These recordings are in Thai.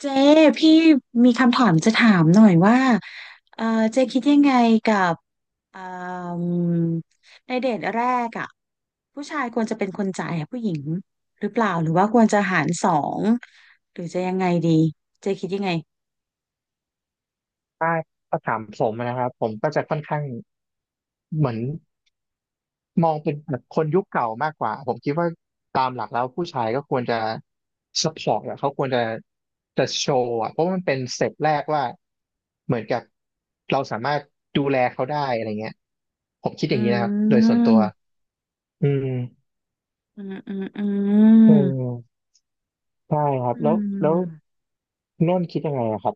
เจ๊พี่มีคำถามจะถามหน่อยว่าเออเจ๊คิดยังไงกับเอ่มในเดทแรกอ่ะผู้ชายควรจะเป็นคนจ่ายให้ผู้หญิงหรือเปล่าหรือว่าควรจะหารสองหรือจะยังไงดีเจ๊คิดยังไงใช่ถ้าถามผมนะครับผมก็จะค่อนข้างเหมือนมองเป็นแบบคนยุคเก่ามากกว่าผมคิดว่าตามหลักแล้วผู้ชายก็ควรจะสปอร์ตอะเขาควรจะจะโชว์อะเพราะมันเป็นสเต็ปแรกว่าเหมือนกับเราสามารถดูแลเขาได้อะไรเงี้ยผมคิดออืย่างนี้นะครับโดยส่วนตัวมอืมอืมอืมอือืมมใช่ครัอืบแล้วม นนท์คิดยังไงอะครับ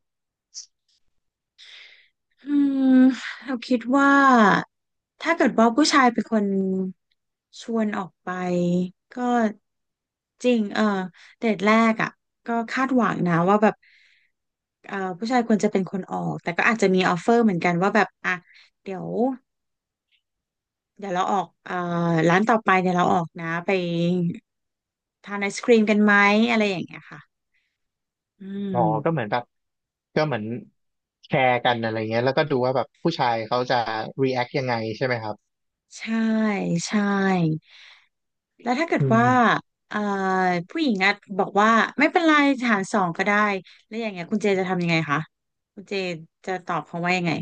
อืมเราคิดว่าถ้าเกิดว่าผู้ชายเป็นคนชวนออกไปก็จริงเดทแรกอ่ะก็คาดหวังนะว่าแบบผู้ชายควรจะเป็นคนออกแต่ก็อาจจะมีออฟเฟอร์เหมือนกันว่าแบบอ่ะเดี๋ยวเดี๋ยวเราออกร้านต่อไปเดี๋ยวเราออกนะไปทานไอศครีมกันไหมอะไรอย่างเงี้ยค่ะอืมอ๋อก็เหมือนแบบก็เหมือนแชร์กันอะไรเงี้ยแล้วก็ดูว่าแบบผู้ชายเขาจะ react ยังไงใช่ไหมครับใช่ใช่ แล้วถ้าเกิดอืว่ามเอ่อผู้หญิงอ่ะบอกว่าไม่เป็นไรหารสองก็ได้แล้วอย่างเงี้ยคุณเจจะทำยังไงคะคุณเจจะตอบเขาว่ายังไง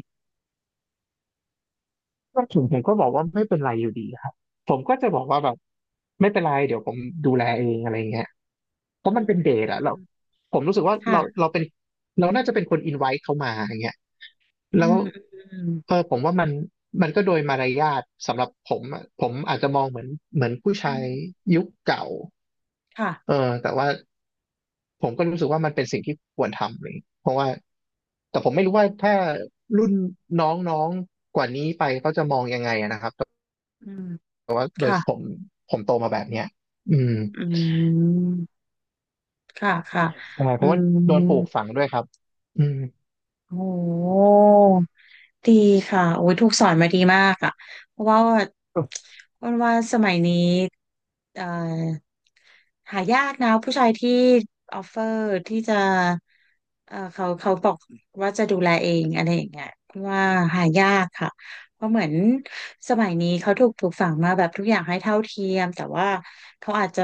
ก็ผมก็บอกว่าไม่เป็นไรอยู่ดีครับผมก็จะบอกว่าแบบไม่เป็นไรเดี๋ยวผมดูแลเองอะไรเงี้ยเพราะอืมันเป็นเดมทอะเราผมรู้สึกว่าเราค่ะเราเป็นเราน่าจะเป็นคนอินไว e เขามาอย่างเงี้ยอืแล้วมอืมเออผมว่ามันมันก็โดยมารยาทสำหรับผมอะผมอาจจะมองเหมือนผู้อืชายมยุคเก่าค่ะเออแต่ว่า ผมก็รู้สึกว่ามันเป็นสิ่งที่ควรทำเลย เพราะว่าแต่ผมไม่รู้ว่าถ้ารุ่นน้องๆกว่านี้ไปเขาจะมองยังไงอะนะครับอืมแต่ว่าโดยค่ะผมผมโตมาแบบเนี้ยอืมอืมค่ะค่ะใช่เพอืราะว่าโดนปลูกมฝังด้วยครับอืมโอ้ ดีค่ะโอ้ยถูกสอนมาดีมากอ่ะเพราะว่ายอ้วาว่าสมัยนี้เอ่อหายากนะผู้ชายที่ออฟเฟอร์ที่จะเขาบอกว่าจะดูแลเองอะไรอย่างเงี้ยเพราะว่าหายากค่ะเพราะเหมือนสมัยนี้เขาถูกปลูกฝังมาแบบทุกอย่างให้เท่าเทียมแต่ว่าเขาอาจจะ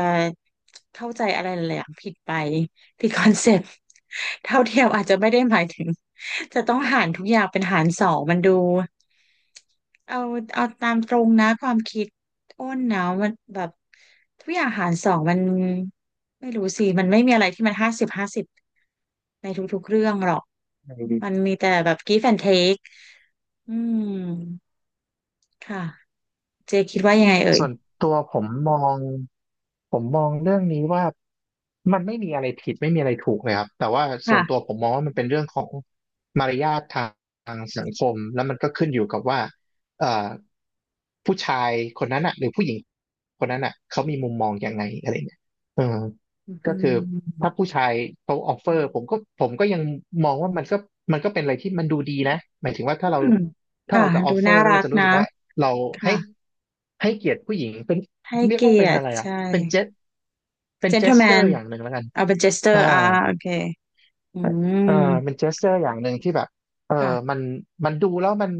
เข้าใจอะไรหลายๆอย่างผิดไปที่คอนเซ็ปต์เท่าเทียมอาจจะไม่ได้หมายถึง จะต้องหารทุกอย่างเป็นหารสองมันดูเอาเอาตามตรงนะความคิดอ้นนะมันแบบทุกอย่างหารสองมันไม่รู้สิมันไม่มีอะไรที่มันห้าสิบห้าสิบในทุกๆเรื่องหรอกังไงดี มันมีแต่แบบ give and take อืมค่ะเจคิดว่ายังไงเอ่ยส่วนตัวผมมองผมมองเรื่องนี้ว่ามันไม่มีอะไรผิดไม่มีอะไรถูกเลยครับแต่ว่าส่วนตัวค่ะผมมองว่ามันเป็นเรื่องของมารยาททางสังคมแล้วมันก็ขึ้นอยู่กับว่าเอ่อผู้ชายคนนั้นอ่ะหรือผู้หญิงคนนั้นอ่ะเขามีมุมมองยังไงอะไรเนี่ยเออก็อืคือถ้ามผู้ชายเขาออฟเฟอร์ผมก็ผมก็ยังมองว่ามันก็มันก็เป็นอะไรที่มันดูดีนะหมายถึงว่าถ้าเราอืมค่ะจะอดูอฟเฟอน่าร์แล้วรัเรากจะรู้นะสึกว่า เราค่ะให้ให้เกียรติผู้หญิงเป็นให้เรียกเกีว่าเป็ยนรอะติไรอ่ะใช่ เป็นเจสเป็นเจสเจอ gentleman ร์อย่างหนึ่งแล้วกันเอาเป็น jester อ่าอ่าโอเคอือ่ามเป็นเจสเจอร์อย่างหนึ่งที่แบบเออค่ะ มันดูแล้วมัน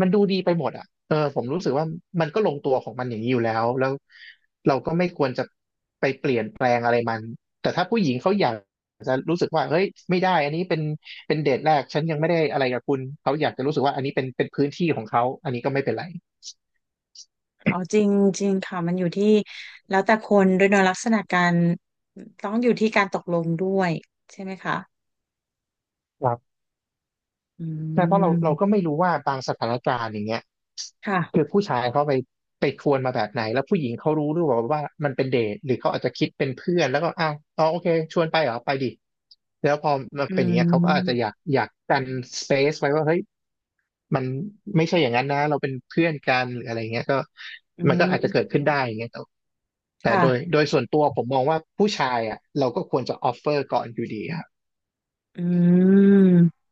ดูดีไปหมดอ่ะเออผมรู้สึกว่ามันก็ลงตัวของมันอย่างนี้อยู่แล้วแล้วเราก็ไม่ควรจะไปเปลี่ยนแปลงอะไรมันแต่ถ้าผู้หญิงเขาอยากจะรู้สึกว่าเฮ้ยไม่ได้อันนี้เป็นเดทแรกฉันยังไม่ได้อะไรกับคุณเขาอยากจะรู้สึกว่าอันนี้เป็นพื้นที่ของเขาอันนี้ก็ไม่เป็นไร อ๋อจริงจริงค่ะมันอยู่ที่แล้วแต่คนด้วยเนอะลักษณะการต้องอยู่ที่การตกลงด้วยใช่ไหมคะอืใช่เพราะเราก็มไม่รู้ว่าบางสถานการณ์อย่างเงี้ยคือค่ะผู้ชายเขาไปชวนมาแบบไหนแล้วผู้หญิงเขารู้หรือเปล่าว่ามันเป็นเดทหรือเขาอาจจะคิดเป็นเพื่อนแล้วก็อ้าวอ๋อโอเคชวนไปเหรอไปดิแล้วพอมันอืเป็นอย่างเงี้ยเขาก็อาจจะมอยากกันสเปซไว้ว่าเฮ้ยมันไม่ใช่อย่างนั้นนะเราเป็นเพื่อนกันหรืออะไรเงี้ยก็อืมันก็มอาจจะเกิดขึ้นได้อย่างเงี้ยแต่แต่โดยค่ะโดยส่วนตัวผมมองว่าผู้ชายอ่ะเราก็ควรจะออฟเฟอร์ก่อนอยู่ดีครับอืม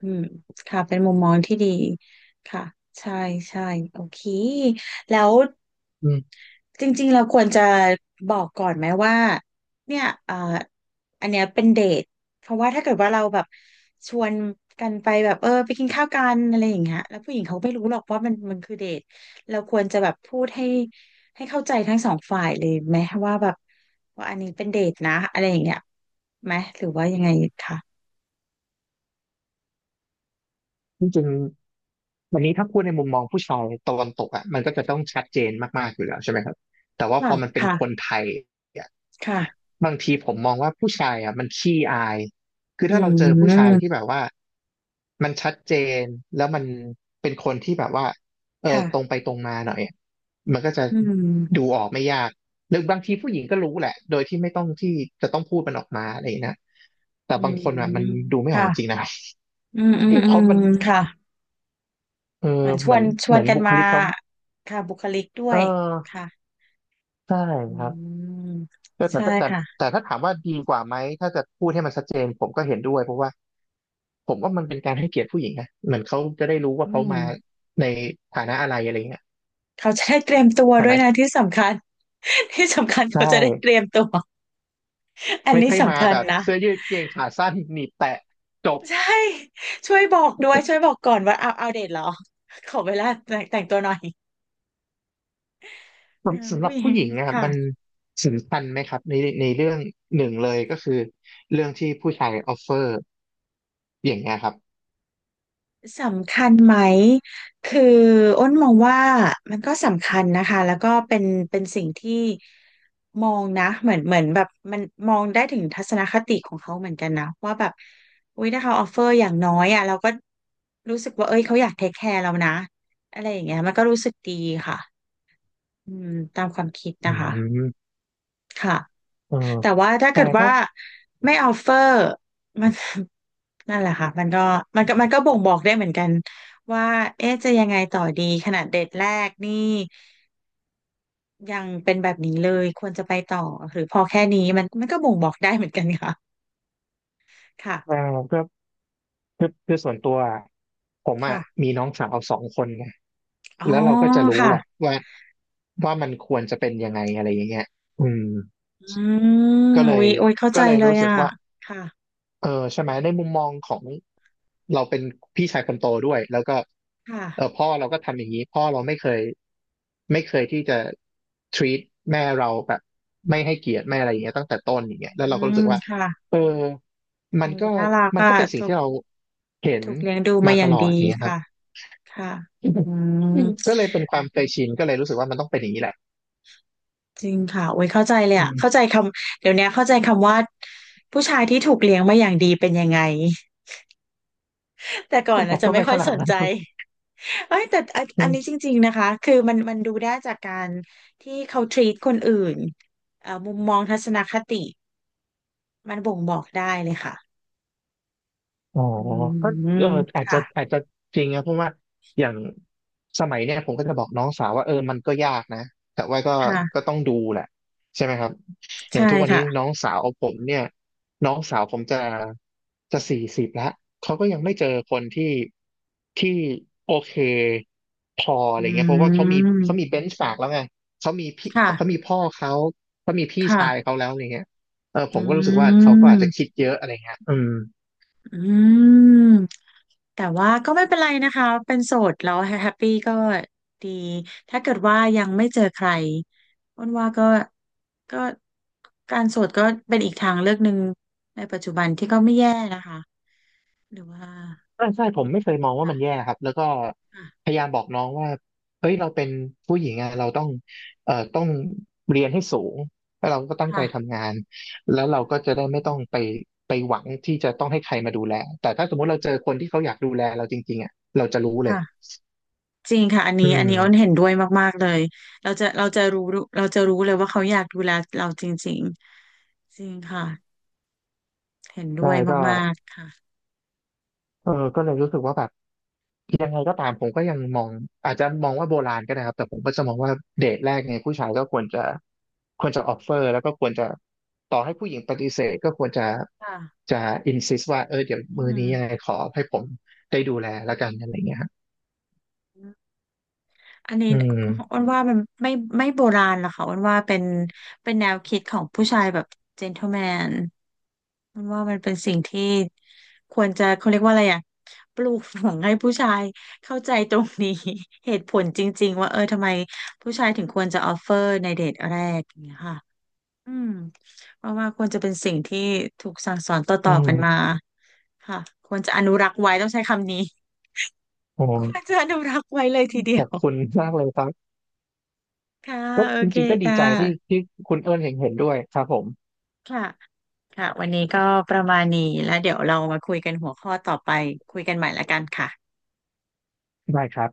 อืมค่ะเป็นมุมมองที่ดีค่ะใช่ใช่โอเคแล้ว อืมจริงๆเราควรจะบอกก่อนไหมว่าเนี่ยอันเนี้ยเป็นเดทเพราะว่าถ้าเกิดว่าเราแบบชวนกันไปแบบไปกินข้าวกันอะไรอย่างเงี้ยแล้วผู้หญิงเขาไม่รู้หรอกว่ามันคือเดทเราควรจะแบบพูดให้ให้เข้าใจทั้งสองฝ่ายเลยไหมว่าแบบว่าอันนี้เป็นเดทนะอะไรอย่างเงี้ยไหมหรือว่ายังไงคะจริง วันนี้ถ้าพูดในมุมมองผู้ชายตะวันตกอ่ะมันก็จะต้องชัดเจนมากๆอยู่แล้วใช่ไหมครับแต่ว่าพค่ะอมันเป็นคนค่ะไทยอ่ะค่ะบางทีผมมองว่าผู้ชายอ่ะมันขี้อายคืออืถ้าเราเจอผู้ชายมที่แบบว่ามันชัดเจนแล้วมันเป็นคนที่แบบว่าเออตรงค่ะไปตรงมาหน่อยอะมันก็จะอืดูมออกไม่ยากหรือบางทีผู้หญิงก็รู้แหละโดยที่ไม่ต้องที่จะต้องพูดมันออกมาอะไรอย่างนี้ยนะแต่อืบางคนอ่ะมันมดูไม่ออค่ะกจริงนะ ครอืมอืมับอืเพราะมมันค่ะ เออเหมือนชเหมืวอนนชเหวมืนอนกันบุคมาลิกเขา ค่ะบุคลิกด้เอวอยค่ะใช่อืครับมแต่แต่ใช่แต่ค่ะแต่ถ้าถามว่าดีกว่าไหมถ้าจะพูดให้มันชัดเจนผมก็เห็นด้วยเพราะว่าผมว่ามันเป็นการให้เกียรติผู้หญิงนะเหมือนเขาจะได้รู้ว่าอืเขามมาในฐานะอะไรอะไรเงี้ยเขาจะได้เตรียมตัวฐาด้วยนะนะที่สำคัญ ที่สำคัญใช่เขาจะได้เตรียมตัวอันไม่นี้ใช่มาสำคัญแบบนะเสื้อยืดเกงขาสั้นหนีบแตะจบใช่ช่วยบอกด้วยช่วยบอกก่อนว่าเอาเดทเหรอขอเวลาแต่งตัวหน่อยอ่าสำหผู้รับหญิผู้หงญิงอ่ะค่ะ มันสำคัญไหมครับในเรื่องหนึ่งเลยก็คือเรื่องที่ผู้ชายออฟเฟอร์อย่างเงี้ยครับสำคัญไหมคืออ้นมองว่ามันก็สำคัญนะคะแล้วก็เป็นเป็นสิ่งที่มองนะเหมือนแบบมันมองได้ถึงทัศนคติของเขาเหมือนกันนะว่าแบบอุ๊ยถ้าเขาออฟเฟอร์อย่างน้อยอ่ะเราก็รู้สึกว่าเอ้ยเขาอยากเทคแคร์เรานะอะไรอย่างเงี้ยมันก็รู้สึกดีค่ะอืมตามความคิดอืนะคะ มค่ะเออแต่ว่าถ้าใช่เกิดเพว่าราะไม่ออฟเฟอร์มัน นั่นแหละค่ะมันก็มันก็บ่งบอกได้เหมือนกันว่าเอ๊ะจะยังไงต่อดีขนาดเดทแรกนี่ยังเป็นแบบนี้เลยควรจะไปต่อหรือพอแค่นี้มันก็บ่งบอกได้เหมือนกันค่ะเออ ค่ะคือส่วนตัวอะผมอ่ะค่ะมีน้องสาวสองคนไงอ๋อแล้วเราก็จะรู้ค่ะแหละว่าว่ามันควรจะเป็นยังไงอะไรอย่างเงี้ยอืมอืก็มเลอุ๊ยยอุ๊ยเข้าใจก็เลยเลยรู้สึกอ่ะว่า ค่ะเออใช่ไหมในมุมมองของเราเป็นพี่ชายคนโตด้วยแล้วก็คเออ่ะพ่อเราก็ทำอย่างนี้พ่อเราไม่เคยที่จะ treat แม่เราแบบไม่ให้เกียรติไม่อะไรอย่างเงี้ยตั้งแต่ต้นอย่างเงี้ยแล้วอืเราก็รู้มสึกว่าค่ะเออมันอุ๊ยก็น่ารักมันอ่ะก็เป็นสิ่งถูกที่เราเห็นถูกเลี้ยงดูมามาอตย่างลอดีดอย่างเงี้ยครับค่ะค่ะอือืม มก็เลยเป็นความเคยชินก็เลยรู้สึกว่ามันต้องเป็นอย่างนี้แหละจริงค่ะโอ้ยเข้าใจเลยอือะมเข้าใจคำเดี๋ยวนี้เข้าใจคำว่าผู้ชายที่ถูกเลี้ยงมาอย่างดีเป็นยังไง แต่ก่อนผนะมจะก็ไม่ไม่ค่อขยนาสดนนั้นใจครับ เอ้ยแต่อันนี้จริงๆนะคะคือมันดูได้จากการที่เขา treat คนอื่นมุมมองทัศนคติมันบ่งบอกได้เลยค่ะอ๋ออืก็มเอออาจจะค่ะอาจจะจริงนะเพราะว่าอย่างสมัยเนี่ยผมก็จะบอกน้องสาวว่าเออมันก็ยากนะแต่ว่าก็ค่ะต้องดูแหละใช่ไหมครับอย่าใช่งทุกวันนี้น้ค่ะองสาวผมเนี่ยน้องสาวผมจะ40แล้วเขาก็ยังไม่เจอคนที่ที่โอเคพออือะไรเงี้ยเพราะว่าเขามีมเบนช์มาร์กแล้วไงเขามีพี่ค่ะเขามีพ่อเขาเขามีพี่ชายค่ะเขาแล้วอะไรเงี้ยเออผมก็รู้สึกอืว่าเขาก็อาจจะม คิดเยอะอะไรเงี้ยอืม อืมแต่ว่าก็ไม่เป็นไรนะคะเป็นโสดแล้วแฮปปี้ก็ดีถ้าเกิดว่ายังไม่เจอใครอ้วนว่าก็ก็การโสดก็เป็นอีกทางเลือกหนึ่งในปัจจุบันที่ก็ไม่แย่นะคะหรือว่าใช่ใช่ผมไม่เคยมองว่ามันแย่คครับแล้วก็่ะพยายามบอกน้องว่าเฮ้ยเราเป็นผู้หญิงอะเราต้องต้องเรียนให้สูงแล้วเราก็ตั้งใจค่ะค่ะทำงานแล้วเราก็จะได้อืไม่ต้องมไปไปหวังที่จะต้องให้ใครมาดูแลแต่ถ้าสมมติเราเจอคนที่เขาอยากดูแลเราจริงๆอ่ะเราจะรู้เลยค่ะจริงค่ะอันนี้อือันมนี้อ้นเห็นด้วยมากๆเลยเราจะรู้เราจะรู้เลยว่าเขาอยากดูแลเราจริงๆจริงค่ะเห็นด้ใช่วยก็มากๆค่ะเออก็เลยรู้สึกว่าแบบ ยังไงก็ตามผมก็ยังมองอาจจะมองว่าโบราณก็ได้ครับแต่ผมก็จะมองว่าเดทแรกเนี่ยผู้ชายก็ควรจะออฟเฟอร์แล้วก็ควรจะต่อให้ผู้หญิงปฏิเสธก็ควรจะค่ะจะอินซิสว่าเออเดี๋ยวอืมือม นี้ยังไงขอให้ผมได้ดูแลแล้วกันอะไรเงี้ยครับอันนี้อืมอ้วนว่ามันไม่ไม่โบราณหรอกค่ะอ้วนว่าเป็นแนวคิดของผู้ชายแบบเจน t l e m แมนอ้วนว่ามันเป็นสิ่งที่ควรจะเขาเรียกว่าอะไรอ่ะปลูกฝังให้ผู้ชายเข้าใจตรงนี้ เหตุผลจริงๆว่าทำไมผู้ชายถึงควรจะออฟเฟอร์ในเดทแรกอย่างเงี้ยค่ะอืมเพราะว่าควรจะเป็นสิ่งที่ถูกสั่งสอนต่อือๆกันมามค่ะควรจะอนุรักษ์ไว้ต้องใช้คำนี้ โอ ควร้จะอนุรักษ์ไว้เลยทีเดีขยอว บคุณมากเลยครับค่ะก็โอจเคริงๆก็ดีค่ใจที่ะที่คุณเอิญเห็นด้วยครับผมค่ะค่ะวันนี้ก็ประมาณนี้แล้วเดี๋ยวเรามาคุยกันหัวข้อต่อไปคุยกันใหม่ละกันค่ะได้ครับ